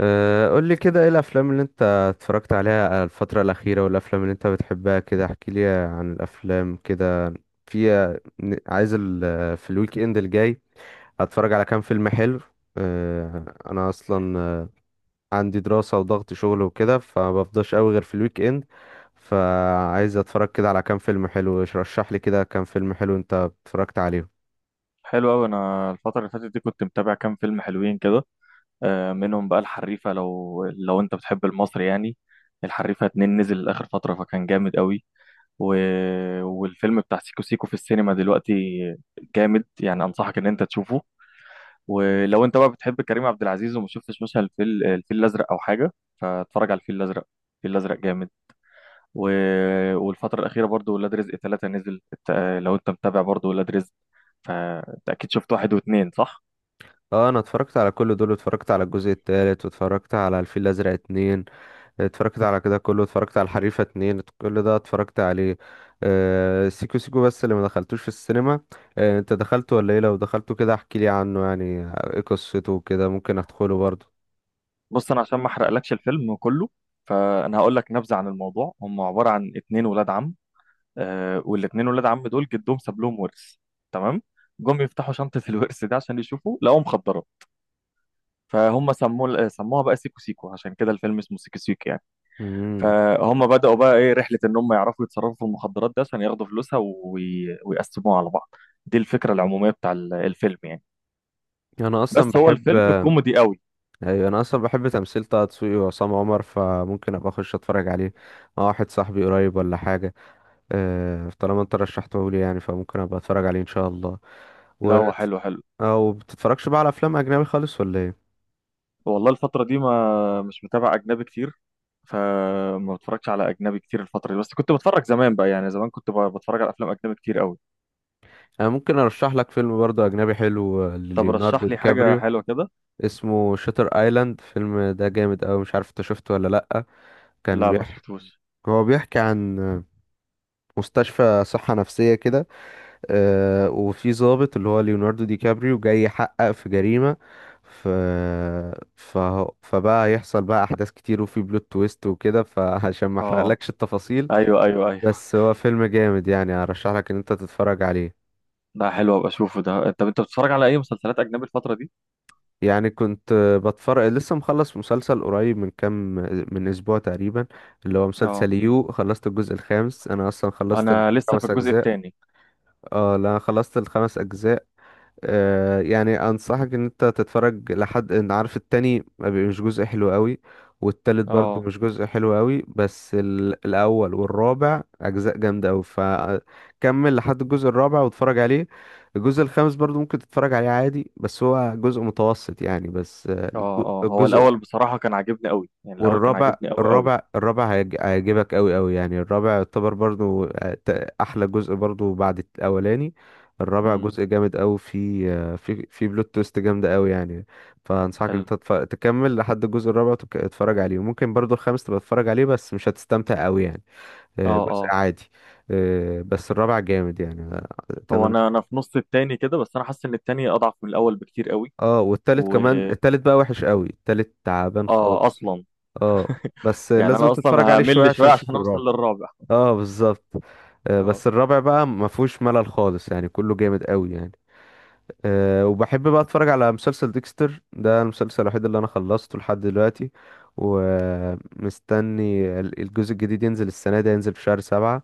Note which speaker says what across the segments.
Speaker 1: قول لي كده ايه الافلام اللي انت اتفرجت عليها الفترة الأخيرة والافلام اللي انت بتحبها كده احكي لي عن الافلام كده. في عايز في الويك اند الجاي هتفرج على كام فيلم حلو. أه، انا اصلا عندي دراسة وضغط شغل وكده فمبفضاش قوي غير في الويك اند، فعايز اتفرج كده على كام فيلم حلو. رشح لي كده كام فيلم حلو انت اتفرجت عليهم.
Speaker 2: حلو أوي. أنا الفترة اللي فاتت دي كنت متابع كام فيلم حلوين كده. منهم بقى الحريفة، لو أنت بتحب المصري يعني. الحريفة اتنين نزل آخر فترة فكان جامد أوي. و... والفيلم بتاع سيكو سيكو في السينما دلوقتي جامد يعني. أنصحك إن أنت تشوفه. ولو أنت بقى بتحب كريم عبد العزيز وما شفتش مثلا الفيل الأزرق أو حاجة، فاتفرج على الفيل الأزرق. الفيل الأزرق جامد. و... والفترة الأخيرة برضو ولاد رزق ثلاثة نزل لو أنت متابع برضو ولاد رزق فأنت أكيد شفت واحد واتنين، صح؟
Speaker 1: اه انا اتفرجت على كل دول، اتفرجت على الجزء التالت واتفرجت على الفيل الازرق اتنين، اتفرجت على كده كله، اتفرجت على الحريفة اتنين، كل ده اتفرجت عليه. آه سيكو سيكو بس اللي ما دخلتوش في السينما. آه انت دخلته ولا ايه؟ لو دخلته كده احكي لي عنه يعني ايه قصته وكده، ممكن ادخله برضه.
Speaker 2: بص، انا عشان ما احرقلكش الفيلم كله فانا هقول لك نبذه عن الموضوع. هم عباره عن اتنين ولاد عم. آه، والاتنين ولاد عم دول جدهم ساب لهم ورث، تمام. جم يفتحوا شنطه الورث ده عشان يشوفوا، لقوا مخدرات. فهم سموها بقى سيكو سيكو، عشان كده الفيلم اسمه سيكو سيكو يعني.
Speaker 1: امم،
Speaker 2: فهم بداوا بقى ايه رحله ان هم يعرفوا يتصرفوا في المخدرات ده عشان ياخدوا فلوسها ويقسموها على بعض. دي الفكره العموميه بتاع الفيلم يعني.
Speaker 1: انا اصلا
Speaker 2: بس هو
Speaker 1: بحب.
Speaker 2: الفيلم كوميدي قوي.
Speaker 1: ايوه انا اصلا بحب تمثيل طه دسوقي وعصام عمر، فممكن ابقى اخش اتفرج عليه مع واحد صاحبي قريب ولا حاجة. طالما انت رشحته لي يعني فممكن ابقى اتفرج عليه ان شاء الله.
Speaker 2: لا،
Speaker 1: و... مم.
Speaker 2: هو حلو حلو.
Speaker 1: او بتتفرجش بقى على افلام اجنبي خالص ولا ايه؟
Speaker 2: والله الفترة دي ما مش متابع أجنبي كتير. فما بتفرجش على اجنبي كتير الفتره دي. بس كنت بتفرج زمان بقى، يعني زمان كنت بتفرج على افلام اجنبي كتير قوي.
Speaker 1: انا ممكن ارشح لك فيلم برضه اجنبي حلو،
Speaker 2: طب
Speaker 1: لليوناردو
Speaker 2: رشح
Speaker 1: دي
Speaker 2: لي حاجه
Speaker 1: كابريو.
Speaker 2: حلوه كده.
Speaker 1: اسمه شاتر ايلاند، الفيلم ده جامد اوي، مش عارف انت شفته ولا لا. كان
Speaker 2: لا، ما
Speaker 1: بيحكي
Speaker 2: شفتوش.
Speaker 1: هو بيحكي عن مستشفى صحة نفسية كده. وفي ضابط اللي هو ليوناردو دي كابريو جاي يحقق في جريمة. ف... ف... فبقى هيحصل بقى أحداث كتير وفي بلوت تويست وكده، فعشان ما
Speaker 2: اه،
Speaker 1: أحرقلكش التفاصيل.
Speaker 2: ايوه ايوه ايوه.
Speaker 1: بس هو فيلم جامد يعني، أرشح لك إن أنت تتفرج عليه.
Speaker 2: ده حلو، ابقى اشوفه ده. طب انت بتتفرج على اي مسلسلات اجنبي الفتره دي؟
Speaker 1: يعني كنت بتفرج، لسه مخلص مسلسل قريب من كام، من أسبوع تقريبا، اللي هو
Speaker 2: اه.
Speaker 1: مسلسل يو. خلصت الجزء الخامس، أنا أصلا خلصت
Speaker 2: انا لسه في
Speaker 1: الخمس
Speaker 2: الجزء
Speaker 1: أجزاء.
Speaker 2: الثاني.
Speaker 1: اه لا خلصت الخمس أجزاء. يعني انصحك ان انت تتفرج لحد ان عارف، التاني ما بي- مش جزء حلو قوي، والتالت برضه
Speaker 2: اه
Speaker 1: مش جزء حلو قوي، بس الاول والرابع اجزاء جامده قوي، فكمل لحد الجزء الرابع واتفرج عليه. الجزء الخامس برضه ممكن تتفرج عليه عادي بس هو جزء متوسط يعني، بس
Speaker 2: اه اه. هو
Speaker 1: الجزء
Speaker 2: الاول بصراحه كان عاجبني قوي، يعني الاول كان
Speaker 1: والرابع.
Speaker 2: عاجبني قوي قوي.
Speaker 1: الرابع هيعجبك قوي قوي، يعني الرابع يعتبر برضو احلى جزء برضو بعد الاولاني. الرابع
Speaker 2: امم
Speaker 1: جزء جامد قوي، في في بلوت تويست جامده قوي يعني. فانصحك ان
Speaker 2: حلو.
Speaker 1: انت تكمل لحد الجزء الرابع تتفرج عليه، وممكن برضو الخامس تبقى تتفرج عليه بس مش هتستمتع قوي يعني،
Speaker 2: اه
Speaker 1: جزء
Speaker 2: اه.
Speaker 1: عادي. بس الرابع جامد يعني،
Speaker 2: هو
Speaker 1: اتمنى.
Speaker 2: انا في نص التاني كده، بس انا حاسس ان التاني اضعف من الاول بكتير قوي.
Speaker 1: اه والتالت
Speaker 2: و
Speaker 1: كمان، التالت بقى وحش قوي، التالت تعبان
Speaker 2: اه
Speaker 1: خالص.
Speaker 2: اصلا.
Speaker 1: اه بس
Speaker 2: يعني
Speaker 1: لازم
Speaker 2: انا
Speaker 1: تتفرج
Speaker 2: اصلا
Speaker 1: عليه شويه
Speaker 2: همل شويه
Speaker 1: عشان تشوف
Speaker 2: عشان اوصل
Speaker 1: الرابع.
Speaker 2: للرابع.
Speaker 1: اه بالظبط،
Speaker 2: اه،
Speaker 1: بس الرابع بقى ما فيهوش ملل خالص يعني، كله جامد قوي يعني. أه وبحب بقى اتفرج على مسلسل ديكستر، ده المسلسل الوحيد اللي انا خلصته لحد دلوقتي، ومستني الجزء الجديد ينزل السنة دي، ينزل في شهر سبعة.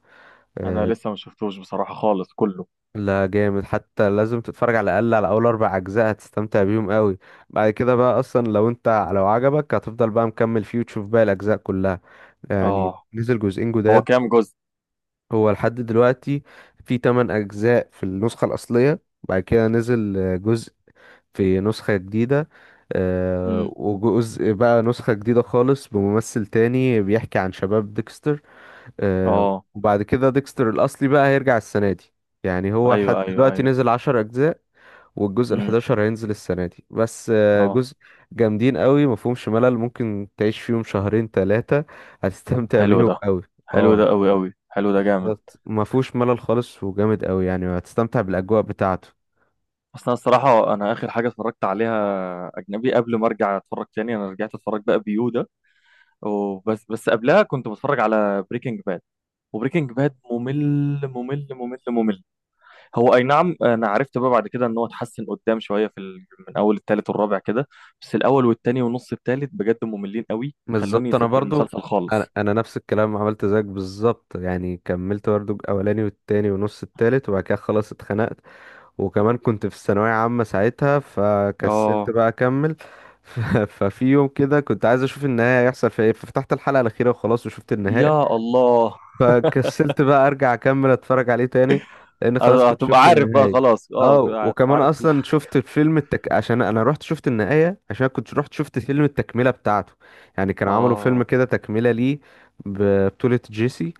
Speaker 2: انا
Speaker 1: أه
Speaker 2: لسه ما شفتوش بصراحه خالص كله.
Speaker 1: لا جامد، حتى لازم تتفرج على الأقل على أول أربع أجزاء هتستمتع بيهم قوي. بعد كده بقى أصلا لو عجبك هتفضل بقى مكمل فيه وتشوف باقي الأجزاء كلها. يعني
Speaker 2: اه.
Speaker 1: نزل جزئين
Speaker 2: هو
Speaker 1: جداد.
Speaker 2: كام جزء؟
Speaker 1: هو لحد دلوقتي في 8 أجزاء في النسخة الأصلية، بعد كده نزل جزء في نسخة جديدة،
Speaker 2: امم
Speaker 1: وجزء بقى نسخة جديدة خالص بممثل تاني بيحكي عن شباب ديكستر. آه،
Speaker 2: اه
Speaker 1: وبعد كده ديكستر الأصلي بقى هيرجع السنة دي، يعني هو لحد
Speaker 2: ايوه ايوه
Speaker 1: دلوقتي
Speaker 2: ايوه.
Speaker 1: نزل 10 أجزاء، والجزء
Speaker 2: امم
Speaker 1: الحداشر هينزل السنة دي، بس
Speaker 2: اه.
Speaker 1: جزء جامدين قوي مفهومش ملل، ممكن تعيش فيهم شهرين تلاتة هتستمتع
Speaker 2: حلو
Speaker 1: بيهم
Speaker 2: ده،
Speaker 1: قوي.
Speaker 2: حلو ده
Speaker 1: اه
Speaker 2: قوي قوي. حلو ده جامد.
Speaker 1: بالظبط ما فيهوش ملل خالص وجامد قوي، يعني هتستمتع بالاجواء بتاعته.
Speaker 2: اصل انا الصراحه انا اخر حاجه اتفرجت عليها اجنبي قبل ما ارجع اتفرج تاني، انا رجعت اتفرج بقى بيو ده. وبس، بس قبلها كنت بتفرج على بريكنج باد. وبريكنج باد ممل ممل ممل ممل. هو اي نعم، انا عرفت بقى بعد كده ان هو اتحسن قدام شويه من اول التالت والرابع كده. بس الاول والتاني ونص التالت بجد مملين قوي، خلوني
Speaker 1: بالظبط انا
Speaker 2: سبت
Speaker 1: برضو
Speaker 2: المسلسل
Speaker 1: انا
Speaker 2: خالص.
Speaker 1: انا نفس الكلام، عملت زيك بالظبط يعني، كملت برضو الاولاني والتاني ونص التالت وبعد كده خلاص اتخنقت، وكمان كنت في الثانويه عامه ساعتها فكسلت
Speaker 2: اه،
Speaker 1: بقى اكمل. ف- ففي يوم كده كنت عايز اشوف النهايه هيحصل فيها ايه، ففتحت الحلقه الاخيره وخلاص وشفت النهايه.
Speaker 2: يا الله.
Speaker 1: فكسلت بقى ارجع اكمل اتفرج عليه تاني، لان خلاص
Speaker 2: أنا
Speaker 1: كنت
Speaker 2: هتبقى
Speaker 1: شفت
Speaker 2: عارف بقى
Speaker 1: النهاية.
Speaker 2: خلاص. اه،
Speaker 1: اه
Speaker 2: هتبقى
Speaker 1: وكمان
Speaker 2: عارف كل
Speaker 1: اصلا
Speaker 2: حاجه.
Speaker 1: شفت فيلم التك، عشان انا رحت شفت النهاية عشان كنت رحت شفت فيلم التكملة بتاعته، يعني كانوا عملوا فيلم
Speaker 2: اه.
Speaker 1: كده تكملة ليه ببطولة جيسي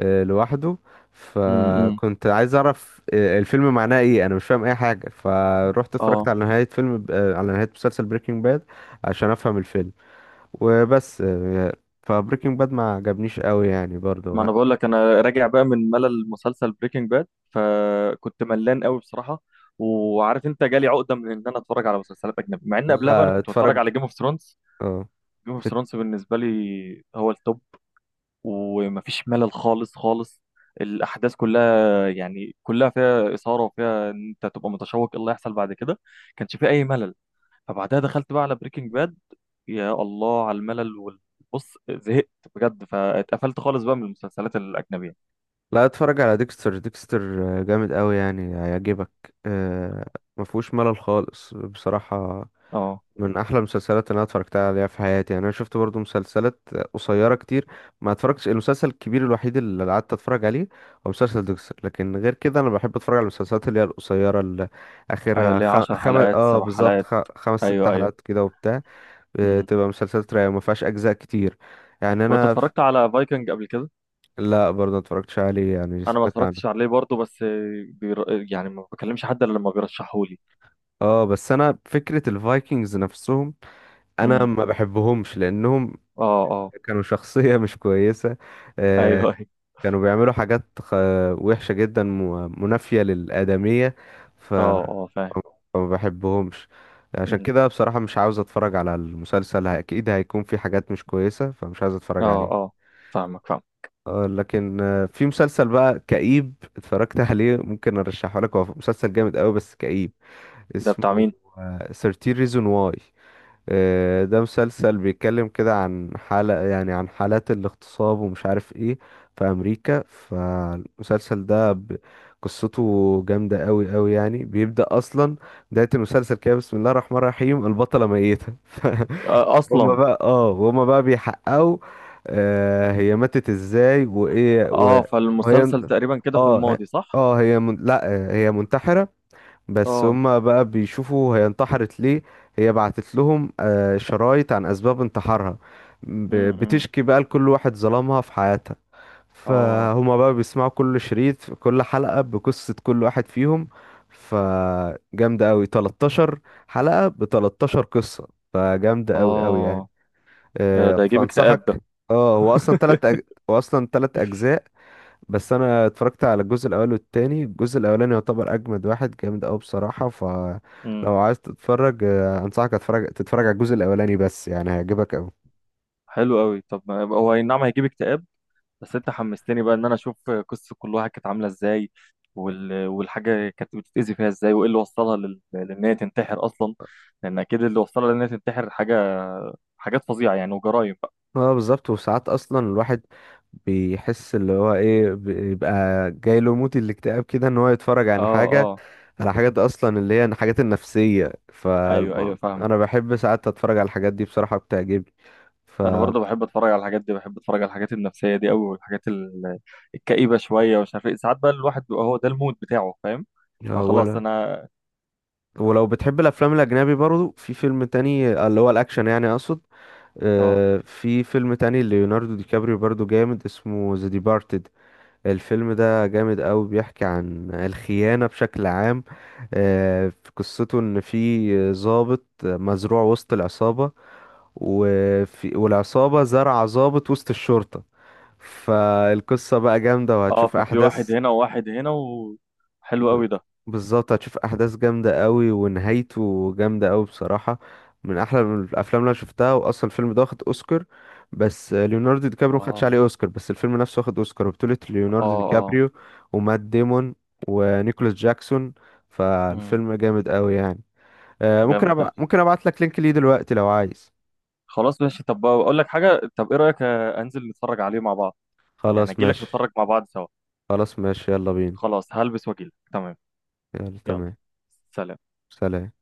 Speaker 1: لوحده.
Speaker 2: امم
Speaker 1: فكنت عايز اعرف الفيلم معناه ايه، انا مش فاهم اي حاجة، فروحت اتفرجت
Speaker 2: اه.
Speaker 1: على نهاية فيلم على نهاية مسلسل بريكنج باد عشان افهم الفيلم، وبس فبريكنج باد ما عجبنيش قوي يعني
Speaker 2: ما
Speaker 1: برضو.
Speaker 2: انا بقول لك انا راجع بقى من ملل مسلسل بريكنج باد، فكنت ملان قوي بصراحه. وعارف انت جالي عقده من ان انا اتفرج على مسلسلات اجنبي، مع ان قبلها بقى انا
Speaker 1: لا
Speaker 2: كنت بتفرج
Speaker 1: اتفرج.
Speaker 2: على جيم اوف ثرونز.
Speaker 1: اه
Speaker 2: جيم اوف
Speaker 1: ات-
Speaker 2: ثرونز بالنسبه لي هو التوب. ومفيش ملل خالص خالص. الاحداث كلها يعني كلها فيها اثاره، وفيها ان انت تبقى متشوق ايه اللي هيحصل بعد كده. كانش فيه اي ملل. فبعدها دخلت بقى على بريكنج باد. يا الله على الملل بص، زهقت بجد. فاتقفلت خالص بقى من المسلسلات الاجنبيه.
Speaker 1: لا اتفرج على ديكستر. جامد قوي يعني هيعجبك، آه، ما فيهوش ملل خالص بصراحة.
Speaker 2: اه،
Speaker 1: من احلى المسلسلات اللي انا اتفرجت عليها في حياتي، يعني انا شفت برضو مسلسلات قصيرة كتير ما اتفرجتش، المسلسل الكبير الوحيد اللي قعدت اتفرج عليه هو مسلسل ديكستر. لكن غير كده انا بحب اتفرج على المسلسلات اللي هي القصيرة، اللي
Speaker 2: ايوه،
Speaker 1: اخرها
Speaker 2: اللي هي 10 حلقات
Speaker 1: اه
Speaker 2: سبع
Speaker 1: بالظبط
Speaker 2: حلقات.
Speaker 1: خمس ست
Speaker 2: ايوه ايوه.
Speaker 1: حلقات كده وبتاع.
Speaker 2: امم
Speaker 1: تبقى مسلسلات رايقة ما فيهاش اجزاء كتير يعني.
Speaker 2: طب انت
Speaker 1: انا،
Speaker 2: اتفرجت على فايكنج قبل كده؟
Speaker 1: لا برضه متفرجتش عليه يعني
Speaker 2: انا ما
Speaker 1: سمعت
Speaker 2: اتفرجتش
Speaker 1: عنه.
Speaker 2: عليه برضه. بس يعني ما بكلمش حد الا لما بيرشحهولي.
Speaker 1: اه بس انا فكرة الفايكنجز نفسهم انا
Speaker 2: امم
Speaker 1: ما بحبهمش، لانهم
Speaker 2: اه اه.
Speaker 1: كانوا شخصية مش كويسة، آه
Speaker 2: ايوه ايوه.
Speaker 1: كانوا بيعملوا وحشة جدا، منافية للآدمية. ف
Speaker 2: اه اه، فاهم.
Speaker 1: فما بحبهمش، عشان
Speaker 2: مم.
Speaker 1: كده بصراحة مش عاوز اتفرج على المسلسل، اكيد هيكون في حاجات مش كويسة فمش عاوز اتفرج
Speaker 2: اه
Speaker 1: عليه.
Speaker 2: اه. فاهمك، فاهم.
Speaker 1: لكن في مسلسل بقى كئيب اتفرجت عليه، ممكن ارشحه لك، هو مسلسل جامد قوي بس كئيب،
Speaker 2: ده بتاع
Speaker 1: اسمه
Speaker 2: مين؟
Speaker 1: 13 ريزون واي. ده مسلسل بيتكلم كده عن حالة، يعني عن حالات الاغتصاب ومش عارف ايه في امريكا، فالمسلسل ده قصته جامدة قوي قوي يعني. بيبدأ اصلا بداية المسلسل كده بسم الله الرحمن الرحيم، البطلة ميتة
Speaker 2: آه،
Speaker 1: هما
Speaker 2: اصلا.
Speaker 1: بقى اه هما بقى بيحققوا آه هي ماتت ازاي وايه و-
Speaker 2: اه،
Speaker 1: وهي
Speaker 2: فالمسلسل تقريبا كده في
Speaker 1: اه
Speaker 2: الماضي، صح؟
Speaker 1: اه هي من... لا هي منتحرة، بس
Speaker 2: اه.
Speaker 1: هما بقى بيشوفوا هي انتحرت ليه. هي بعتت لهم شرايط عن اسباب انتحارها،
Speaker 2: امم
Speaker 1: بتشكي بقى لكل واحد ظلمها في حياتها،
Speaker 2: اه
Speaker 1: فهما بقى بيسمعوا كل شريط في كل حلقة بقصة كل واحد فيهم. فجامدة قوي، 13 حلقة ب 13 قصة، فجامدة قوي قوي يعني.
Speaker 2: اه. يا ده يجيب اكتئاب
Speaker 1: فانصحك.
Speaker 2: ده.
Speaker 1: اه هو اصلا هو اصلا تلات اجزاء، بس انا اتفرجت على الجزء الاول والتاني، الجزء الاولاني يعتبر اجمد واحد، جامد قوي بصراحه،
Speaker 2: امم
Speaker 1: فلو عايز تتفرج انصحك تتفرج على الجزء الاولاني بس، يعني هيعجبك قوي.
Speaker 2: حلو قوي. طب هو اي نعم، هيجيب اكتئاب. بس انت حمستني بقى ان انا اشوف قصة كل واحد كانت عاملة ازاي والحاجة كانت بتتأذي فيها ازاي، وايه اللي وصلها لان هي تنتحر اصلا. لان اكيد اللي وصلها لان هي تنتحر حاجة، حاجات فظيعة يعني وجرايم بقى.
Speaker 1: اه بالظبط، وساعات اصلا الواحد بيحس، اللي هو ايه بيبقى جاي له موت الاكتئاب كده، ان هو يتفرج
Speaker 2: اه
Speaker 1: عن حاجه،
Speaker 2: اه.
Speaker 1: على حاجات اصلا اللي هي الحاجات النفسيه،
Speaker 2: ايوه ايوه فاهم.
Speaker 1: فانا بحب ساعات اتفرج على الحاجات دي بصراحه، بتعجبني. ف،
Speaker 2: انا برضه بحب اتفرج على الحاجات دي. بحب اتفرج على الحاجات النفسيه دي قوي، والحاجات الكئيبه شويه ومش عارف ايه. ساعات بقى الواحد بيبقى هو ده المود بتاعه، فاهم. فخلاص انا.
Speaker 1: ولو بتحب الافلام الاجنبي برضو في فيلم تاني اللي هو الاكشن يعني اقصد،
Speaker 2: اه
Speaker 1: في فيلم تاني ليوناردو دي كابريو برضو جامد، اسمه ذا ديبارتد. الفيلم ده جامد قوي، بيحكي عن الخيانة بشكل عام. في قصته ان في ضابط مزروع وسط العصابة، والعصابة زرع ضابط وسط الشرطة، فالقصة بقى جامدة
Speaker 2: اه.
Speaker 1: وهتشوف
Speaker 2: ففي
Speaker 1: أحداث.
Speaker 2: واحد هنا وواحد هنا. وحلو
Speaker 1: ب-
Speaker 2: قوي ده.
Speaker 1: بالظبط هتشوف احداث جامده قوي ونهايته جامده قوي بصراحه، من احلى من الافلام اللي انا شفتها. واصلا الفيلم ده واخد اوسكار، بس ليوناردو دي كابريو خدش عليه
Speaker 2: اه
Speaker 1: اوسكار، بس الفيلم نفسه واخد اوسكار، وبطوله
Speaker 2: اه
Speaker 1: ليوناردو دي
Speaker 2: اه.
Speaker 1: كابريو ومات ديمون ونيكولاس جاكسون.
Speaker 2: امم
Speaker 1: فالفيلم جامد قوي يعني.
Speaker 2: جامد ده.
Speaker 1: ممكن ابعت لك لينك ليه دلوقتي لو عايز.
Speaker 2: خلاص ماشي. طب اقول لك حاجه، طب ايه رايك؟ انزل نتفرج عليه مع بعض. يعني
Speaker 1: خلاص
Speaker 2: اجي لك
Speaker 1: ماشي،
Speaker 2: نتفرج مع بعض سوا.
Speaker 1: خلاص ماشي، يلا بينا.
Speaker 2: خلاص هلبس واجي لك، تمام.
Speaker 1: يلا
Speaker 2: يلا،
Speaker 1: تمام.
Speaker 2: سلام.
Speaker 1: سلام.